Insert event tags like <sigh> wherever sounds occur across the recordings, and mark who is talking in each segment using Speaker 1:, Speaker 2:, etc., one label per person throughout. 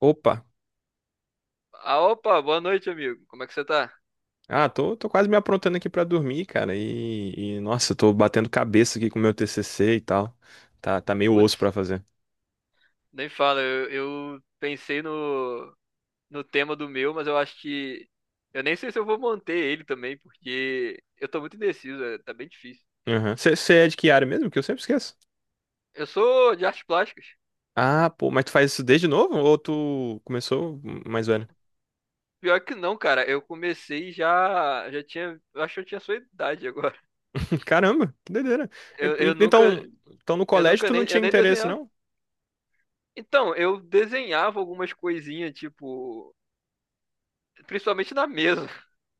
Speaker 1: Opa!
Speaker 2: Ah, opa, boa noite, amigo. Como é que você tá?
Speaker 1: Ah, tô quase me aprontando aqui pra dormir, cara. E, nossa, tô batendo cabeça aqui com o meu TCC e tal. Tá meio
Speaker 2: Putz,
Speaker 1: osso pra fazer.
Speaker 2: nem fala. Eu pensei no tema do meu, mas eu acho que. Eu nem sei se eu vou manter ele também, porque eu tô muito indeciso, é, tá bem difícil.
Speaker 1: Você é de que área mesmo? Que eu sempre esqueço.
Speaker 2: Eu sou de artes plásticas.
Speaker 1: Ah, pô, mas tu faz isso desde novo? Ou tu começou mais velho?
Speaker 2: Pior que não, cara. Eu comecei já. Já tinha. Eu acho que eu tinha a sua idade agora.
Speaker 1: <laughs> Caramba, que doideira. E,
Speaker 2: Eu,
Speaker 1: pô,
Speaker 2: eu nunca.
Speaker 1: então no
Speaker 2: Eu
Speaker 1: colégio
Speaker 2: nunca
Speaker 1: tu não
Speaker 2: nem. Eu
Speaker 1: tinha
Speaker 2: nem
Speaker 1: interesse,
Speaker 2: desenhava.
Speaker 1: não?
Speaker 2: Então, eu desenhava algumas coisinhas, tipo. Principalmente na mesa.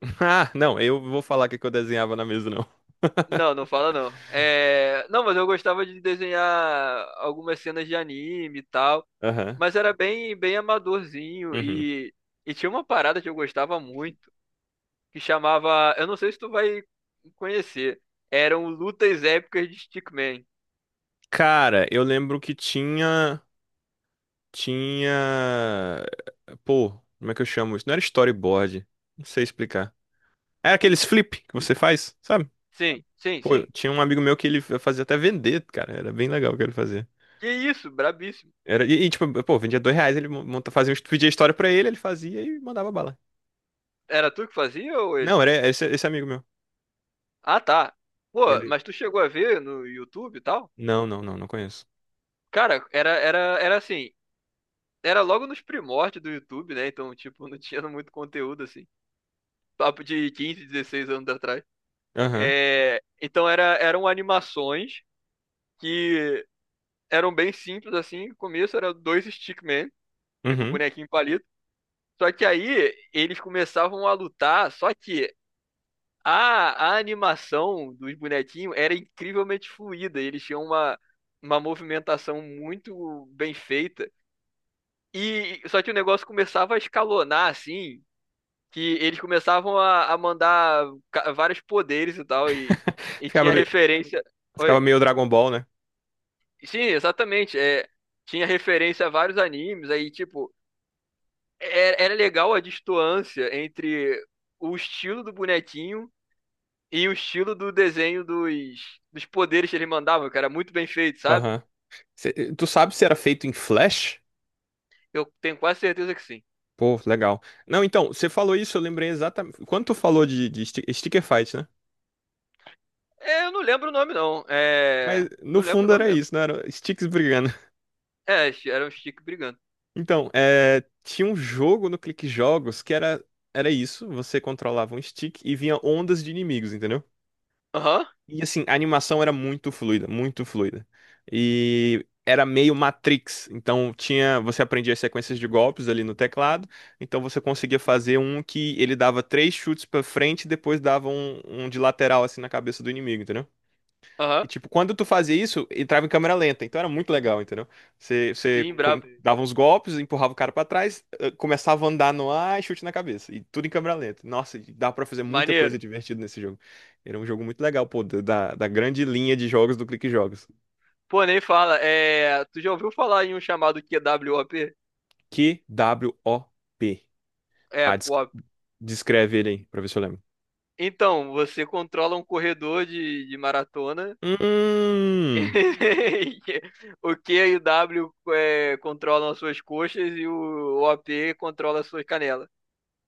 Speaker 1: <laughs> Ah, não, eu vou falar o que que eu desenhava na mesa, não.
Speaker 2: Não, não fala não. É... Não, mas eu gostava de desenhar algumas cenas de anime e tal.
Speaker 1: Aham.
Speaker 2: Mas era bem, bem amadorzinho.
Speaker 1: Uhum.
Speaker 2: E tinha uma parada que eu gostava muito, que chamava. Eu não sei se tu vai conhecer. Eram lutas épicas de Stickman.
Speaker 1: Cara, eu lembro que tinha. Tinha. Pô, como é que eu chamo isso? Não era storyboard. Não sei explicar. Era aqueles flip que você faz, sabe?
Speaker 2: Sim, sim,
Speaker 1: Pô,
Speaker 2: sim.
Speaker 1: tinha um amigo meu que ele fazia até vender, cara. Era bem legal o que ele fazia.
Speaker 2: Que isso, brabíssimo.
Speaker 1: E, tipo, pô, vendia R$ 2, ele mon- monta... fazia... um- est- pedia história pra ele, ele fazia e mandava bala.
Speaker 2: Era tu que fazia ou ele?
Speaker 1: Não, era esse amigo meu.
Speaker 2: Ah, tá. Pô,
Speaker 1: Ele.
Speaker 2: mas tu chegou a ver no YouTube e tal?
Speaker 1: Não, não, não, não conheço.
Speaker 2: Cara, era assim. Era logo nos primórdios do YouTube, né? Então, tipo, não tinha <laughs> muito conteúdo assim. Papo de 15, 16 anos atrás.
Speaker 1: Aham.
Speaker 2: É, então era, eram animações que eram bem simples assim. No começo era dois stickman, tipo
Speaker 1: Uhum.
Speaker 2: bonequinho palito. Só que aí eles começavam a lutar, só que a animação dos bonequinhos era incrivelmente fluida. Eles tinham uma movimentação muito bem feita. E só que o negócio começava a escalonar assim, que eles começavam a mandar vários poderes e tal, e,
Speaker 1: <laughs>
Speaker 2: e tinha
Speaker 1: Ficava, me-
Speaker 2: referência.
Speaker 1: Ficava
Speaker 2: Oi.
Speaker 1: meio Dragon Ball, né?
Speaker 2: Sim, exatamente. É, tinha referência a vários animes, aí, tipo, era legal a distância entre o estilo do bonequinho e o estilo do desenho dos poderes que eles mandavam, que era muito bem feito, sabe?
Speaker 1: Aham. Tu sabe se era feito em Flash?
Speaker 2: Eu tenho quase certeza que sim.
Speaker 1: Pô, legal. Não, então, você falou isso, eu lembrei exatamente. Quando tu falou de sticker fight, né?
Speaker 2: É, eu não lembro o nome, não.
Speaker 1: Mas
Speaker 2: É.
Speaker 1: no
Speaker 2: Não lembro o
Speaker 1: fundo
Speaker 2: nome
Speaker 1: era
Speaker 2: mesmo.
Speaker 1: isso, não era sticks brigando. <laughs>
Speaker 2: É, era um Chico brigando.
Speaker 1: Então, é, tinha um jogo no Clique Jogos que era isso, você controlava um stick e vinha ondas de inimigos, entendeu?
Speaker 2: Aham,
Speaker 1: E assim, a animação era muito fluida, muito fluida. E era meio Matrix, então tinha, você aprendia as sequências de golpes ali no teclado, então você conseguia fazer um que ele dava três chutes pra frente e depois dava um de lateral assim na cabeça do inimigo, entendeu?
Speaker 2: aham.
Speaker 1: E, tipo, quando tu fazia isso, entrava em câmera lenta. Então era muito legal, entendeu? Você
Speaker 2: Sim, brabo.
Speaker 1: dava uns golpes, empurrava o cara pra trás, começava a andar no ar e chute na cabeça. E tudo em câmera lenta. Nossa, e dava pra fazer muita
Speaker 2: Maneiro.
Speaker 1: coisa divertida nesse jogo. Era um jogo muito legal, pô, da grande linha de jogos do Clique Jogos.
Speaker 2: Pô, nem fala. É, tu já ouviu falar em um chamado QWOP?
Speaker 1: QWOP.
Speaker 2: É,
Speaker 1: Ah,
Speaker 2: QOP.
Speaker 1: descreve ele aí, pra ver se eu lembro.
Speaker 2: Então, você controla um corredor de maratona.
Speaker 1: Hum,
Speaker 2: <laughs> O Q e o W controlam as suas coxas e o OP controla as suas canelas.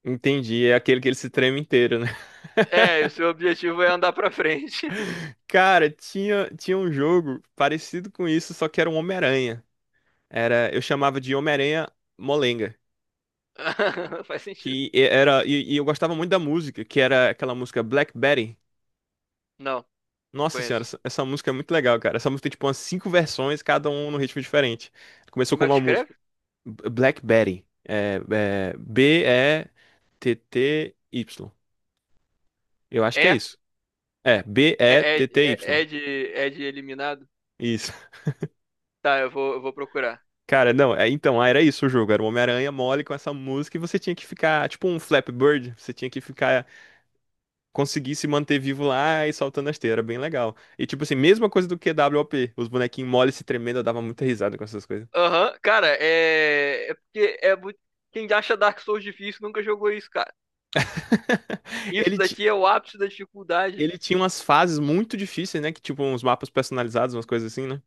Speaker 1: entendi. É aquele que ele se treme inteiro, né? <laughs>
Speaker 2: É, e o seu objetivo é andar pra frente.
Speaker 1: Cara, tinha um jogo parecido com isso, só que era um Homem-Aranha. Eu chamava de Homem-Aranha Molenga,
Speaker 2: <laughs> Faz sentido.
Speaker 1: que era e eu gostava muito da música, que era aquela música Black Betty.
Speaker 2: Não,
Speaker 1: Nossa senhora,
Speaker 2: conheço.
Speaker 1: essa música é muito legal, cara. Essa música tem tipo umas cinco versões, cada um num ritmo diferente. Começou
Speaker 2: Como
Speaker 1: com
Speaker 2: é que
Speaker 1: uma música
Speaker 2: escreve?
Speaker 1: Black Betty, Betty. Eu acho que é
Speaker 2: É,
Speaker 1: isso. É, B E
Speaker 2: é,
Speaker 1: T
Speaker 2: é,
Speaker 1: T Y.
Speaker 2: é, é de, é de eliminado?
Speaker 1: Isso. <laughs>
Speaker 2: Tá, eu vou procurar.
Speaker 1: Cara, não, é, então, ah, era isso o jogo, era o Homem-Aranha mole com essa música e você tinha que ficar, tipo um Flappy Bird, você tinha que ficar conseguir se manter vivo lá e soltando a esteira, era bem legal. E tipo assim, mesma coisa do QWOP, os bonequinhos moles se tremendo, eu dava muita risada com essas coisas.
Speaker 2: Aham, cara, é. É porque é muito. Quem acha Dark Souls difícil nunca jogou isso, cara.
Speaker 1: <laughs>
Speaker 2: Isso
Speaker 1: Ele, ti-
Speaker 2: daqui é o ápice da dificuldade.
Speaker 1: Ele tinha umas fases muito difíceis, né? Que tipo uns mapas personalizados, umas coisas assim, né?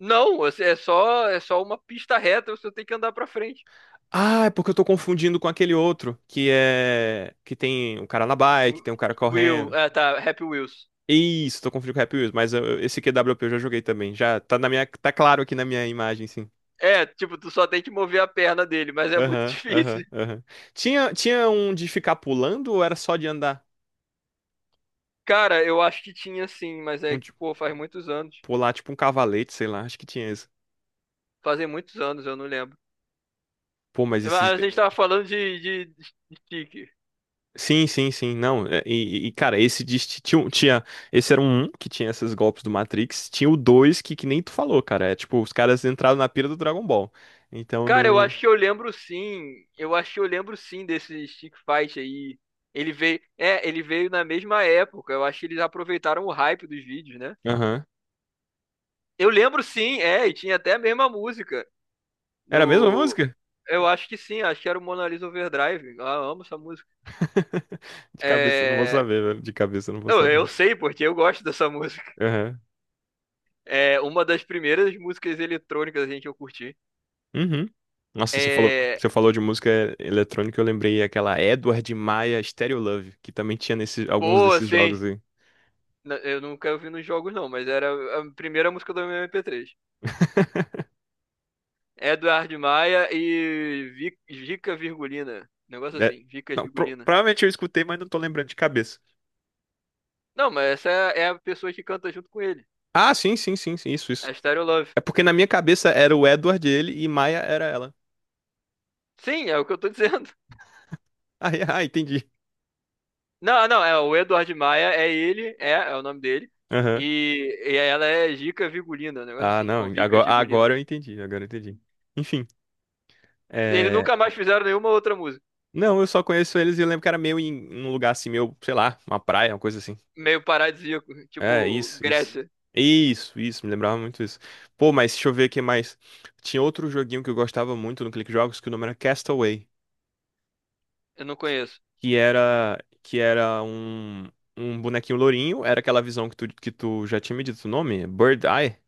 Speaker 2: Não, é só uma pista reta, você tem que andar pra frente.
Speaker 1: Ah, é porque eu tô confundindo com aquele outro, que é. Que tem um cara na bike, tem um cara
Speaker 2: Will,
Speaker 1: correndo.
Speaker 2: é, tá, Happy Wheels.
Speaker 1: Isso, tô confundindo com o Happy Wheels, mas esse QWP eu já joguei também. Já tá na minha. Tá claro aqui na minha imagem, sim.
Speaker 2: É, tipo, tu só tem que mover a perna dele, mas é muito <laughs>
Speaker 1: Aham, aham,
Speaker 2: difícil.
Speaker 1: aham. Tinha um de ficar pulando ou era só de andar?
Speaker 2: Cara, eu acho que tinha sim, mas
Speaker 1: Um,
Speaker 2: é,
Speaker 1: tipo,
Speaker 2: pô, faz muitos anos.
Speaker 1: pô, lá, tipo um cavalete, sei lá, acho que tinha esse.
Speaker 2: Fazem muitos anos, eu não lembro.
Speaker 1: Pô, mas
Speaker 2: Mas
Speaker 1: esses.
Speaker 2: a gente tava falando de stick.
Speaker 1: Sim, sim, sim, não. E, cara, esse tinha. Esse era um que tinha esses golpes do Matrix. Tinha o dois que nem tu falou, cara. É tipo, os caras entraram na pira do Dragon Ball. Então
Speaker 2: Cara, eu
Speaker 1: não.
Speaker 2: acho que eu lembro sim. Eu acho que eu lembro sim desse Stick Fight aí. Ele veio, é, ele veio na mesma época. Eu acho que eles aproveitaram o hype dos vídeos, né?
Speaker 1: Aham.
Speaker 2: Eu lembro sim, é, e tinha até a mesma música
Speaker 1: Era a mesma
Speaker 2: do.
Speaker 1: música?
Speaker 2: Eu acho que sim, acho que era o Mona Lisa Overdrive. Ah, eu amo essa música.
Speaker 1: <laughs> De cabeça eu não vou
Speaker 2: É,
Speaker 1: saber, velho. De cabeça eu não vou
Speaker 2: não, eu
Speaker 1: saber.
Speaker 2: sei porque eu gosto dessa <laughs> música.
Speaker 1: Aham.
Speaker 2: É uma das primeiras músicas eletrônicas gente que eu curti.
Speaker 1: Uhum. Nossa, você falou,
Speaker 2: É,
Speaker 1: você falou de música eletrônica, eu lembrei aquela Edward Maia Stereo Love, que também tinha nesse, alguns
Speaker 2: pô,
Speaker 1: desses
Speaker 2: assim,
Speaker 1: jogos aí.
Speaker 2: eu nunca ouvi nos jogos não, mas era a primeira música do meu MP3.
Speaker 1: <laughs>
Speaker 2: Eduardo Maia e Vica Virgulina. Um negócio
Speaker 1: É,
Speaker 2: assim, Vica
Speaker 1: não,
Speaker 2: Virgulina.
Speaker 1: provavelmente eu escutei, mas não tô lembrando de cabeça.
Speaker 2: Não, mas essa é a pessoa que canta junto com ele.
Speaker 1: Ah, sim, sim, sim, sim, isso, isso.
Speaker 2: A Stereo Love.
Speaker 1: É porque na minha cabeça era o Edward ele e Maia era ela.
Speaker 2: Sim, é o que eu tô dizendo. <laughs>
Speaker 1: Ah, <laughs> ah, entendi.
Speaker 2: Não, não, é o Eduardo Maia, é ele, é o nome dele.
Speaker 1: Aham.
Speaker 2: E ela é Gica Virgulina, um negócio
Speaker 1: Ah,
Speaker 2: assim,
Speaker 1: não,
Speaker 2: ou Vica
Speaker 1: agora,
Speaker 2: Virgulina.
Speaker 1: agora eu entendi, agora eu entendi. Enfim,
Speaker 2: Eles
Speaker 1: é...
Speaker 2: nunca mais fizeram nenhuma outra música.
Speaker 1: Não, eu só conheço eles e eu lembro que era meio em um lugar assim, meio, sei lá, uma praia, uma coisa assim.
Speaker 2: Meio paradisíaco,
Speaker 1: É,
Speaker 2: tipo
Speaker 1: isso, isso.
Speaker 2: Grécia,
Speaker 1: Isso, me lembrava muito isso. Pô, mas deixa eu ver o que mais. Tinha outro joguinho que eu gostava muito no Click Jogos que o nome era Castaway,
Speaker 2: eu não
Speaker 1: que
Speaker 2: conheço.
Speaker 1: que era um bonequinho lourinho, era aquela visão que tu já tinha me dito o nome, Bird Eye,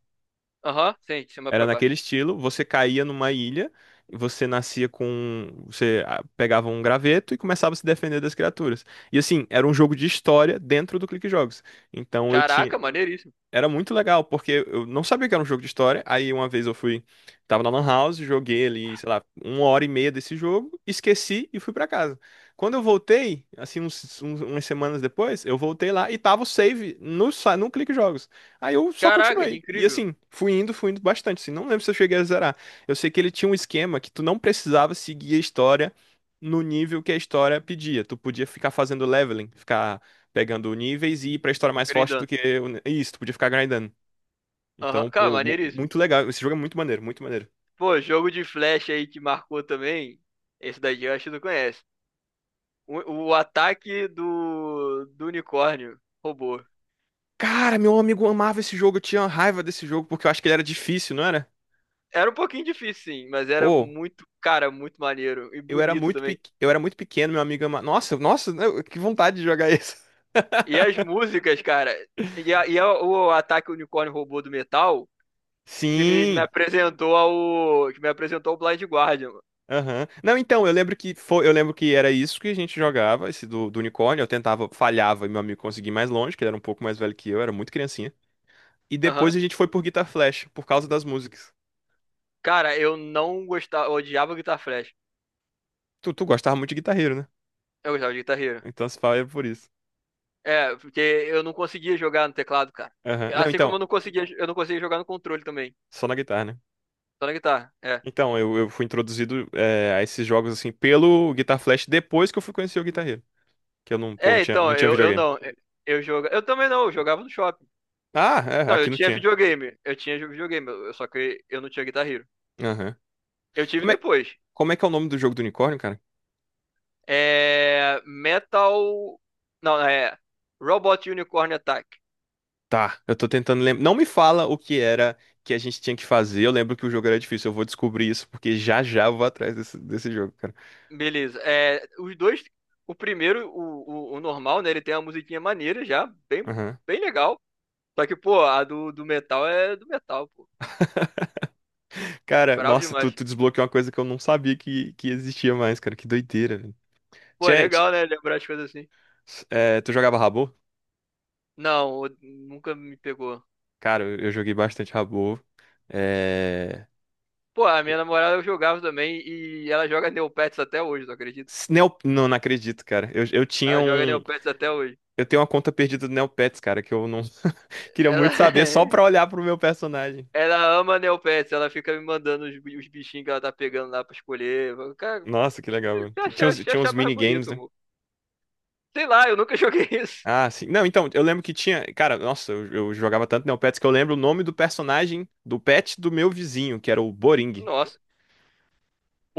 Speaker 2: Aham, sim, de cima
Speaker 1: era
Speaker 2: pra
Speaker 1: naquele
Speaker 2: baixo.
Speaker 1: estilo, você caía numa ilha, você nascia com, você pegava um graveto e começava a se defender das criaturas. E assim, era um jogo de história dentro do Clique Jogos. Então eu tinha
Speaker 2: Caraca, maneiríssimo.
Speaker 1: era muito legal, porque eu não sabia que era um jogo de história. Aí uma vez eu fui, tava na Lan House, joguei ali, sei lá, uma hora e meia desse jogo, esqueci e fui pra casa. Quando eu voltei, assim, umas semanas depois, eu voltei lá e tava o save no Clique Jogos. Aí eu só
Speaker 2: Caraca, que
Speaker 1: continuei. E
Speaker 2: incrível.
Speaker 1: assim, fui indo bastante, assim, não lembro se eu cheguei a zerar. Eu sei que ele tinha um esquema que tu não precisava seguir a história no nível que a história pedia. Tu podia ficar fazendo leveling, ficar pegando níveis e ir pra história mais forte do
Speaker 2: Grindando.
Speaker 1: que. Isso, tu podia ficar grindando.
Speaker 2: Aham,
Speaker 1: Então,
Speaker 2: cara,
Speaker 1: pô,
Speaker 2: maneiríssimo.
Speaker 1: muito legal. Esse jogo é muito maneiro, muito maneiro.
Speaker 2: Pô, jogo de flash aí que marcou também. Esse daí eu acho que tu conhece. O ataque do unicórnio robô.
Speaker 1: Cara, meu amigo amava esse jogo, eu tinha raiva desse jogo, porque eu acho que ele era difícil, não era?
Speaker 2: Era um pouquinho difícil, sim, mas era
Speaker 1: Pô,
Speaker 2: muito, cara, muito maneiro e bonito também.
Speaker 1: eu era muito pequeno, meu amigo amava. Nossa, nossa, que vontade de jogar isso. <laughs>
Speaker 2: E as músicas, cara. O ataque unicórnio robô do metal que me
Speaker 1: Sim.
Speaker 2: apresentou ao. Que me apresentou ao Blind Guardian, mano.
Speaker 1: Aham. Não, então, eu lembro que era isso que a gente jogava, esse do unicórnio. Eu tentava, falhava e meu amigo conseguia ir mais longe, que ele era um pouco mais velho que eu, era muito criancinha. E depois
Speaker 2: Aham.
Speaker 1: a gente foi por Guitar Flash, por causa das músicas.
Speaker 2: Cara, eu não gostava. Eu odiava Guitar Flash.
Speaker 1: Tu gostava muito de guitarreiro, né?
Speaker 2: Eu gostava de Guitar Hero.
Speaker 1: Então se fala é por isso.
Speaker 2: É, porque eu não conseguia jogar no teclado, cara.
Speaker 1: Aham. Não,
Speaker 2: Assim
Speaker 1: então,
Speaker 2: como eu não conseguia jogar no controle também.
Speaker 1: só na guitarra, né?
Speaker 2: Só na guitarra. É.
Speaker 1: Então, eu fui introduzido a esses jogos assim pelo Guitar Flash depois que eu fui conhecer o guitarreiro. Que eu não, pô, não
Speaker 2: É,
Speaker 1: tinha,
Speaker 2: então,
Speaker 1: não tinha
Speaker 2: eu
Speaker 1: videogame.
Speaker 2: não. Eu também não, eu jogava no shopping.
Speaker 1: Ah, é,
Speaker 2: Não, eu
Speaker 1: aqui não
Speaker 2: tinha
Speaker 1: tinha.
Speaker 2: videogame. Eu tinha videogame, só que eu não tinha Guitar Hero.
Speaker 1: Aham.
Speaker 2: Eu tive
Speaker 1: Como é,
Speaker 2: depois.
Speaker 1: como é que é o nome do jogo do unicórnio, cara?
Speaker 2: É. Metal. Não, é. Robot Unicorn Attack.
Speaker 1: Tá, eu tô tentando lembrar. Não me fala o que era que a gente tinha que fazer. Eu lembro que o jogo era difícil. Eu vou descobrir isso, porque já já eu vou atrás desse jogo, cara.
Speaker 2: Beleza. É, os dois. O primeiro, o normal, né? Ele tem uma musiquinha maneira já, bem,
Speaker 1: Aham.
Speaker 2: bem legal. Só que, pô, a do metal é do metal, pô.
Speaker 1: Cara,
Speaker 2: Bravo
Speaker 1: nossa, tu,
Speaker 2: demais.
Speaker 1: tu desbloqueou uma coisa que eu não sabia que existia mais, cara. Que doideira, velho.
Speaker 2: Pô, é
Speaker 1: Tinha,
Speaker 2: legal, né? Lembrar as coisas assim.
Speaker 1: É, tu jogava Rabo?
Speaker 2: Não, nunca me pegou.
Speaker 1: Cara, eu joguei bastante Rabo. É...
Speaker 2: Pô, a minha namorada eu jogava também e ela joga Neopets até hoje, tu acredita?
Speaker 1: Não, não acredito, cara. Eu tinha
Speaker 2: Ela joga
Speaker 1: um.
Speaker 2: Neopets até hoje.
Speaker 1: Eu tenho uma conta perdida do Neopets, cara, que eu não <laughs> queria
Speaker 2: Ela,
Speaker 1: muito saber só pra
Speaker 2: <laughs>
Speaker 1: olhar pro meu personagem.
Speaker 2: ela ama Neopets, ela fica me mandando os, os bichinhos que ela tá pegando lá pra escolher. Eu falo, cara,
Speaker 1: Nossa, que legal. Mano.
Speaker 2: se
Speaker 1: Tinha
Speaker 2: achar,
Speaker 1: uns,
Speaker 2: você
Speaker 1: tinha uns
Speaker 2: achar mais
Speaker 1: minigames,
Speaker 2: bonito,
Speaker 1: né?
Speaker 2: amor. Sei lá, eu nunca <laughs> joguei isso.
Speaker 1: Ah, sim. Não, então, eu lembro que tinha. Cara, nossa, eu jogava tanto Neopets que eu lembro o nome do personagem do pet do meu vizinho, que era o Boring.
Speaker 2: Nossa,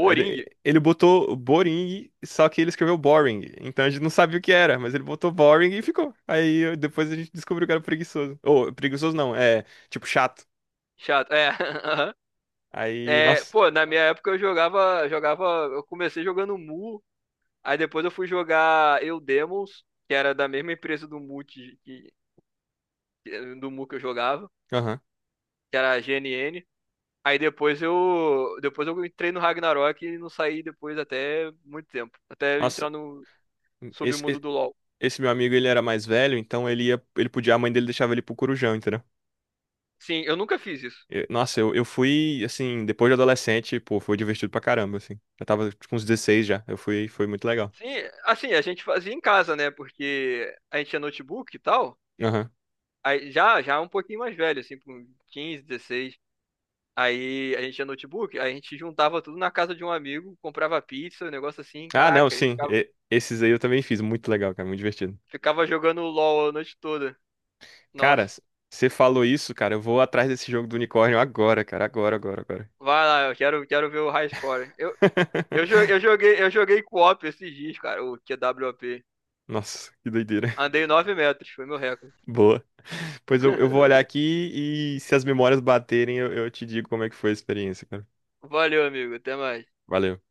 Speaker 1: Ele botou Boring, só que ele escreveu Boring. Então a gente não sabia o que era, mas ele botou Boring e ficou. Aí depois a gente descobriu que era preguiçoso. Ou, preguiçoso não, é tipo chato.
Speaker 2: Chato. É, <laughs> aham.
Speaker 1: Aí,
Speaker 2: É,
Speaker 1: nossa.
Speaker 2: pô, na minha época eu jogava, eu comecei jogando Mu. Aí depois eu fui jogar Eu Demons, que era da mesma empresa do Multi do Mu que eu jogava,
Speaker 1: Aham.
Speaker 2: que era a GNN. Aí depois eu entrei no Ragnarok e não saí depois até muito tempo, até
Speaker 1: Nossa,
Speaker 2: entrar no
Speaker 1: esse,
Speaker 2: submundo
Speaker 1: esse,
Speaker 2: do LoL.
Speaker 1: esse meu amigo ele era mais velho, então ele podia, a mãe dele deixava ele pro Corujão, entendeu?
Speaker 2: Sim, eu nunca fiz isso.
Speaker 1: Nossa, eu fui, assim, depois de adolescente, pô, foi divertido pra caramba, assim. Eu tava tipo, com uns 16 já, foi muito legal.
Speaker 2: Sim, assim, a gente fazia em casa, né? Porque a gente tinha notebook e tal.
Speaker 1: Aham.
Speaker 2: Aí já já um pouquinho mais velho, assim, com 15, 16. Aí a gente tinha notebook, aí a gente juntava tudo na casa de um amigo, comprava pizza, um negócio assim,
Speaker 1: Ah, não,
Speaker 2: caraca, e
Speaker 1: sim, esses aí eu também fiz, muito legal, cara, muito divertido.
Speaker 2: ficava jogando LOL a noite toda.
Speaker 1: Cara,
Speaker 2: Nossa,
Speaker 1: você falou isso, cara. Eu vou atrás desse jogo do unicórnio agora, cara. Agora, agora, agora.
Speaker 2: vai lá, eu quero ver o high score. Eu, eu,
Speaker 1: <laughs>
Speaker 2: jo- eu joguei, eu joguei co-op esses dias, cara, o QWOP.
Speaker 1: Nossa, que doideira.
Speaker 2: Andei 9 metros, foi meu recorde.
Speaker 1: <laughs> Boa. Pois eu vou olhar
Speaker 2: <laughs>
Speaker 1: aqui e se as memórias baterem, eu te digo como é que foi a experiência, cara.
Speaker 2: Valeu, amigo, até mais.
Speaker 1: Valeu.